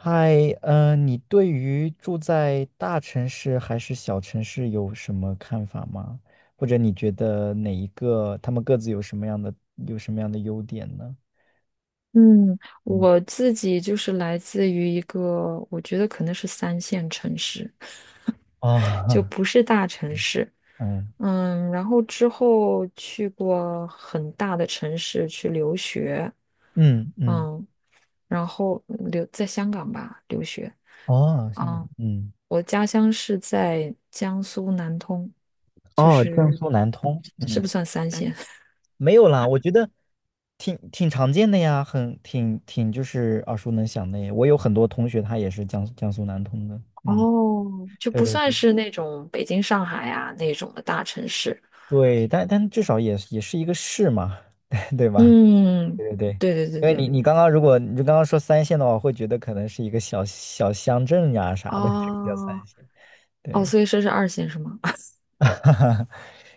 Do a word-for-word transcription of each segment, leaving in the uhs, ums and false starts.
嗨，嗯，你对于住在大城市还是小城市有什么看法吗？或者你觉得哪一个，他们各自有什么样的有什么样的优点呢？嗯，嗯，我自己就是来自于一个，我觉得可能是三线城市，就哦，不 是大城市。嗯嗯，然后之后去过很大的城市去留学，嗯嗯，嗯，然后留在香港吧留学。哦，像嗯，嗯我家乡是在江苏南通，就哦，江是苏南通，是嗯，不算三线，没有啦，我觉得挺挺常见的呀，很挺挺就是耳熟能详的耶。我有很多同学他也是江江苏南通的，嗯，哦，就对不对算对。是那种北京、上海啊那种的大城市。对，但但至少也也是一个市嘛，对吧？嗯，对对对，对对对因为你对，你刚刚如果你就刚刚说三线的话，我会觉得可能是一个小小乡镇呀啥的，这个叫三哦线。哦，对，所以说是二线是吗？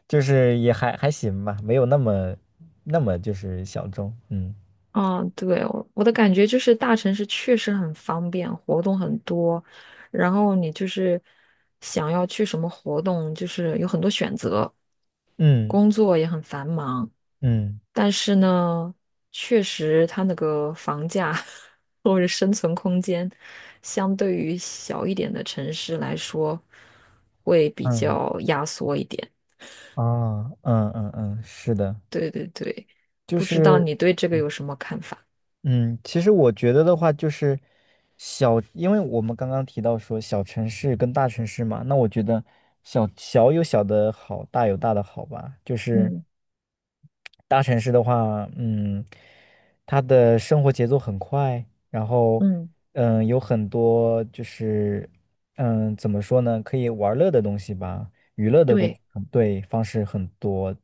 就是也还还行吧，没有那么那么就是小众。嗯啊，对，我我的感觉就是大城市确实很方便，活动很多，然后你就是想要去什么活动，就是有很多选择，嗯工作也很繁忙，嗯但是呢，确实它那个房价 或者生存空间，相对于小一点的城市来说，会比嗯较压缩一点。啊嗯嗯嗯，是的，对对对，就不知道是。你对这个有什么看法？嗯，其实我觉得的话，就是小，因为我们刚刚提到说小城市跟大城市嘛，那我觉得小，小有小的好，大有大的好吧。就是嗯大城市的话，嗯，他的生活节奏很快，然后，嗯，嗯，有很多就是，嗯，怎么说呢，可以玩乐的东西吧，娱乐的东西对，很对，方式很多。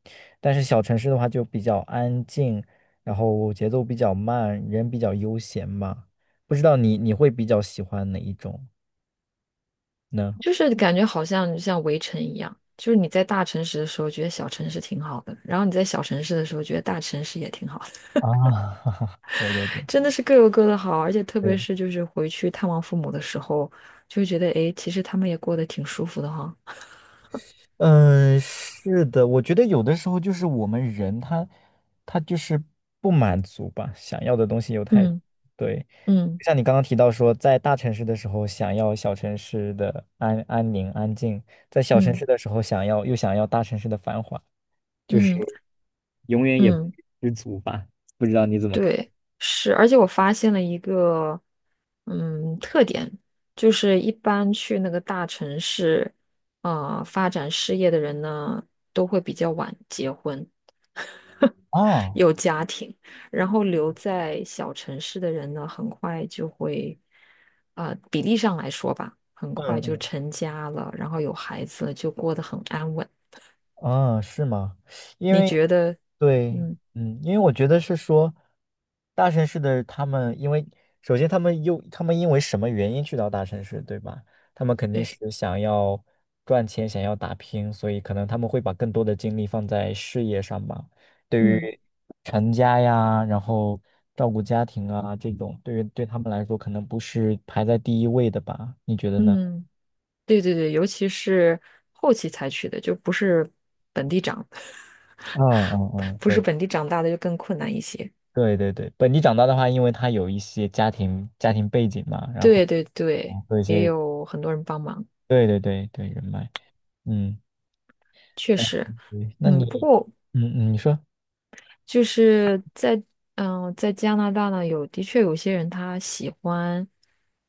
但是小城市的话就比较安静，然后节奏比较慢，人比较悠闲嘛。不知道你你会比较喜欢哪一种呢？就是感觉好像像围城一样，就是你在大城市的时候觉得小城市挺好的，然后你在小城市的时候觉得大城市也挺好的，啊，对对对 真的是各有各的好，而且特别对，是就是回去探望父母的时候，就会觉得诶，其实他们也过得挺舒服的哈。嗯，是的，我觉得有的时候就是我们人他他就是不满足吧，想要的东西又太，嗯对，嗯就像你刚刚提到说，在大城市的时候想要小城市的安安宁安静，在小城嗯市的时候想要又想要大城市的繁华，就是嗯永远也不嗯，知足吧。不知道你怎么看？对，是，而且我发现了一个嗯特点，就是一般去那个大城市啊、呃发展事业的人呢，都会比较晚结婚，啊，有家庭，然后留在小城市的人呢，很快就会啊、比例上来说吧，很快就嗯成家了，然后有孩子了就过得很安稳。嗯，啊，是吗？因你为觉得？对，嗯，嗯，因为我觉得是说，大城市的他们，因为首先他们又他们因为什么原因去到大城市，对吧？他们肯定对，是想要赚钱，想要打拼，所以可能他们会把更多的精力放在事业上吧。对嗯于成家呀，然后照顾家庭啊这种，对于对他们来说，可能不是排在第一位的吧？你觉得呢？嗯。对对对，尤其是后期采取的，就不是本地长，嗯嗯 嗯，不是对本地长大的就更困难一些。对对对，本地长大的话，因为他有一些家庭家庭背景嘛，然后对对对，和一也些有很多人帮忙，对对对对人脉，嗯，确嗯实，对那嗯，不你，过嗯嗯，你说就是在嗯、呃在加拿大呢，有的确有些人他喜欢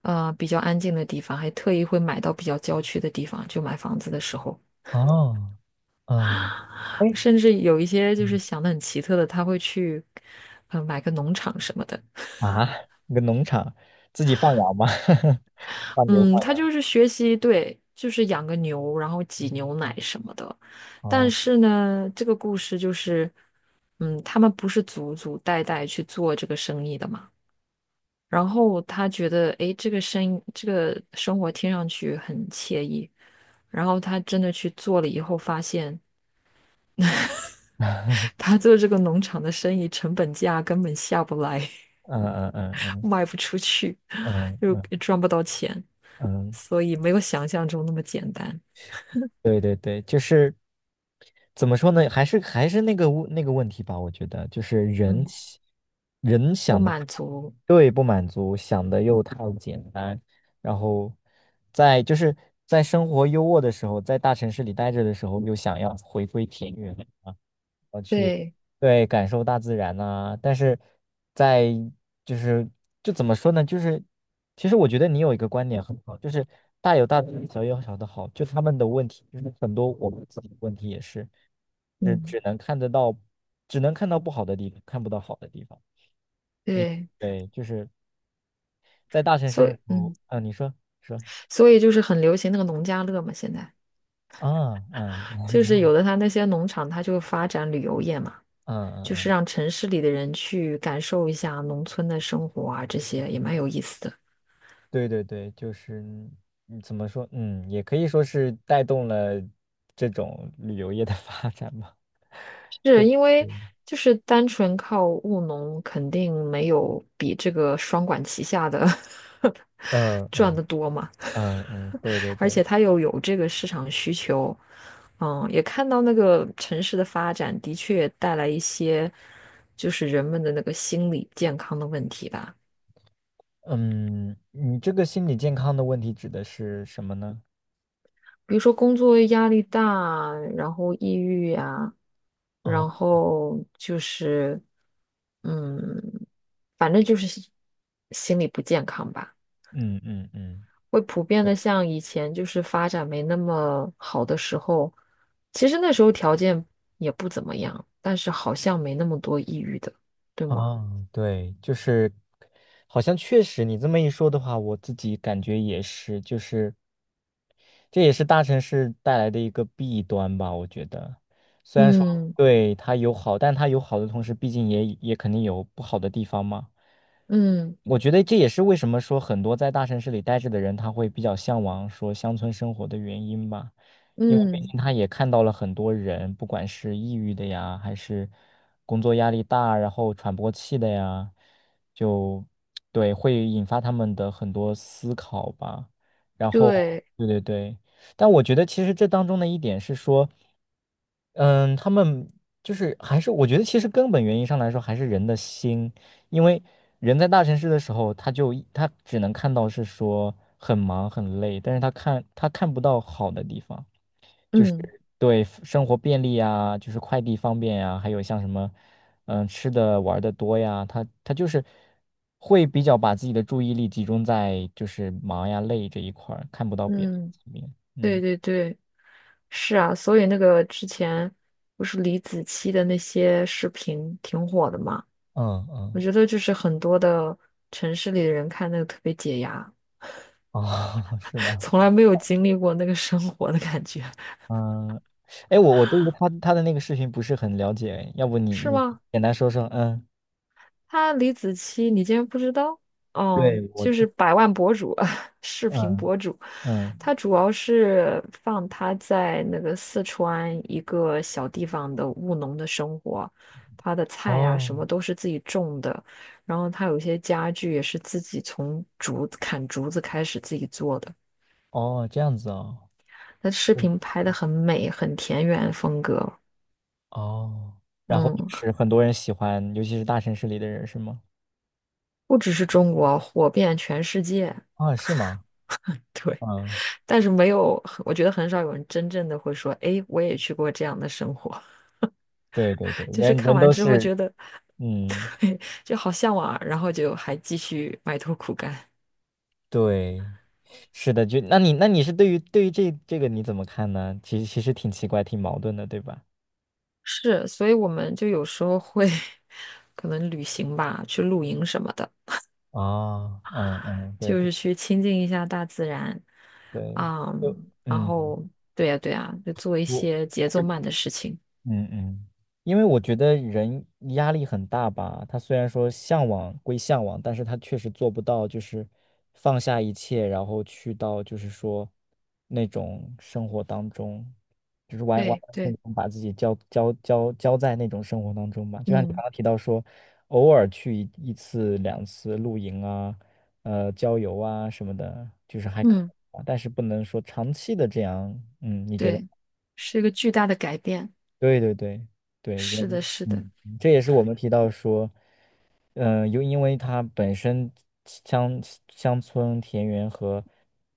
呃比较安静的地方，还特意会买到比较郊区的地方，就买房子的时候，哦，嗯，哎，甚至有一些就是嗯想的很奇特的，他会去呃买个农场什么的。啊，一个农场自己放羊吗？放牛嗯，放他羊？就是学习，对，就是养个牛，然后挤牛奶什么的。但哦，是呢，这个故事就是，嗯，他们不是祖祖代代去做这个生意的嘛。然后他觉得，诶，这个生这个生活听上去很惬意。然后他真的去做了以后，发现 他做这个农场的生意成本价根本下不来。嗯嗯嗯嗯卖不出去，嗯 就嗯也赚不到钱，嗯，所以没有想象中那么简单。对对对，就是怎么说呢，还是还是那个问那个问题吧，我觉得就是人嗯，喜人不想的太满足，对不满足，想的又太简单，然后在就是在生活优渥的时候，在大城市里待着的时候，又想要回归田园，我去，对，对，感受大自然呐、但是在就是就怎么说呢？就是其实我觉得你有一个观点很好，就是大有大的好，小有小的好，就他们的问题，就是很多我们自己的问题也是，是嗯，只能看得到，只能看到不好的地方，看不到好的地方。对，对，就是在大城市所的以，时候，嗯，嗯、你说说所以就是很流行那个农家乐嘛，现在啊，嗯，就是 有的他那些农场，他就发展旅游业嘛，嗯嗯就是嗯。让城市里的人去感受一下农村的生活啊，这些也蛮有意思的。对对对，就是嗯怎么说，嗯，也可以说是带动了这种旅游业的 发展吧。是对，因为对就是单纯靠务农，肯定没有比这个双管齐下的 嗯 赚嗯得多嘛。嗯嗯，对对而对，且它又有这个市场需求，嗯，也看到那个城市的发展的确带来一些，就是人们的那个心理健康的问题吧，嗯，你这个心理健康的问题指的是什么呢？比如说工作压力大，然后抑郁呀，哦，然后就是，嗯，反正就是心心理不健康吧。嗯嗯嗯，会普遍对，的像以前就是发展没那么好的时候，其实那时候条件也不怎么样，但是好像没那么多抑郁的，对吗？哦，对，就是好像确实你这么一说的话，我自己感觉也是，就是。这也是大城市带来的一个弊端吧，我觉得。虽然说嗯对它有好，但它有好的同时，毕竟也也肯定有不好的地方嘛。嗯我觉得这也是为什么说很多在大城市里待着的人，他会比较向往说乡村生活的原因吧，因为毕嗯，竟他也看到了很多人，不管是抑郁的呀，还是工作压力大，然后喘不过气的呀，就对，会引发他们的很多思考吧。然后，对，对对对，但我觉得其实这当中的一点是说。嗯，他们就是还是我觉得其实根本原因上来说还是人的心，因为人在大城市的时候，他就他只能看到是说很忙很累，但是他看他看不到好的地方，就是嗯对生活便利啊，就是快递方便呀，还有像什么嗯吃的玩的多呀，他他就是会比较把自己的注意力集中在就是忙呀累这一块儿，看不到别的嗯，层面。对嗯对对，是啊，所以那个之前不是李子柒的那些视频挺火的嘛，嗯我嗯，觉得就是很多的城市里的人看那个特别解压，哦，是 吗？从来没有经历过那个生活的感觉，嗯，哎，我我对于他他的那个视频不是很了解，要不 你是你吗？简单说说？嗯，他李子柒，你竟然不知道？嗯，对，我就就是百万博主，视频嗯博主。嗯，他主要是放他在那个四川一个小地方的务农的生活，他的菜啊什么哦都是自己种的，然后他有一些家具也是自己从竹子砍竹子开始自己做的。哦，这样子哦，他视嗯，频拍的很美，很田园风格，哦，然后就嗯，是很多人喜欢，尤其是大城市里的人，是吗？不只是中国，火遍全世界。啊，是吗？对。嗯，但是没有，我觉得很少有人真正的会说，诶，我也去过这样的生活。对 对对，就是人看人完都之后是，觉得，嗯，对，就好向往啊，然后就还继续埋头苦干。对，是的，就那你那你是对于对于这这个你怎么看呢？其实其实挺奇怪，挺矛盾的，对吧？是，所以我们就有时候会 可能旅行吧，去露营什么的，啊，嗯嗯，对就对是去亲近一下大自然，对，就嗯，然嗯。后对呀，对呀，就做一我些节奏慢的事情。嗯嗯，因为我觉得人压力很大吧，他虽然说向往归向往，但是他确实做不到，就是放下一切，然后去到就是说那种生活当中，就是完完对完全对，全把自己交交交交在那种生活当中吧。就像你刚嗯刚提到说，偶尔去一一次两次露营啊，呃，郊游啊什么的，就是还可嗯，以吧但是不能说长期的这样，嗯，你觉得？对，是一个巨大的改变。对对对对，是人，的，是的，嗯，这也是我们提到说，嗯，又因为它本身乡乡村、田园和，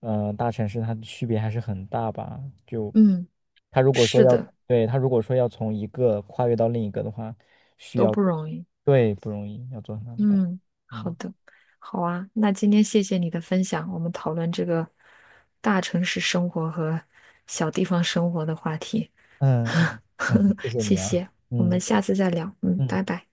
呃，大城市它的区别还是很大吧。就嗯。他如果说是要，的，对，他如果说要从一个跨越到另一个的话，需都要，不容易。对，不容易，要做很大的改，嗯，好嗯的，好啊。那今天谢谢你的分享，我们讨论这个大城市生活和小地方生活的话题。嗯嗯，嗯谢 谢谢你啊，谢，我们嗯下次再聊。嗯，嗯。拜拜。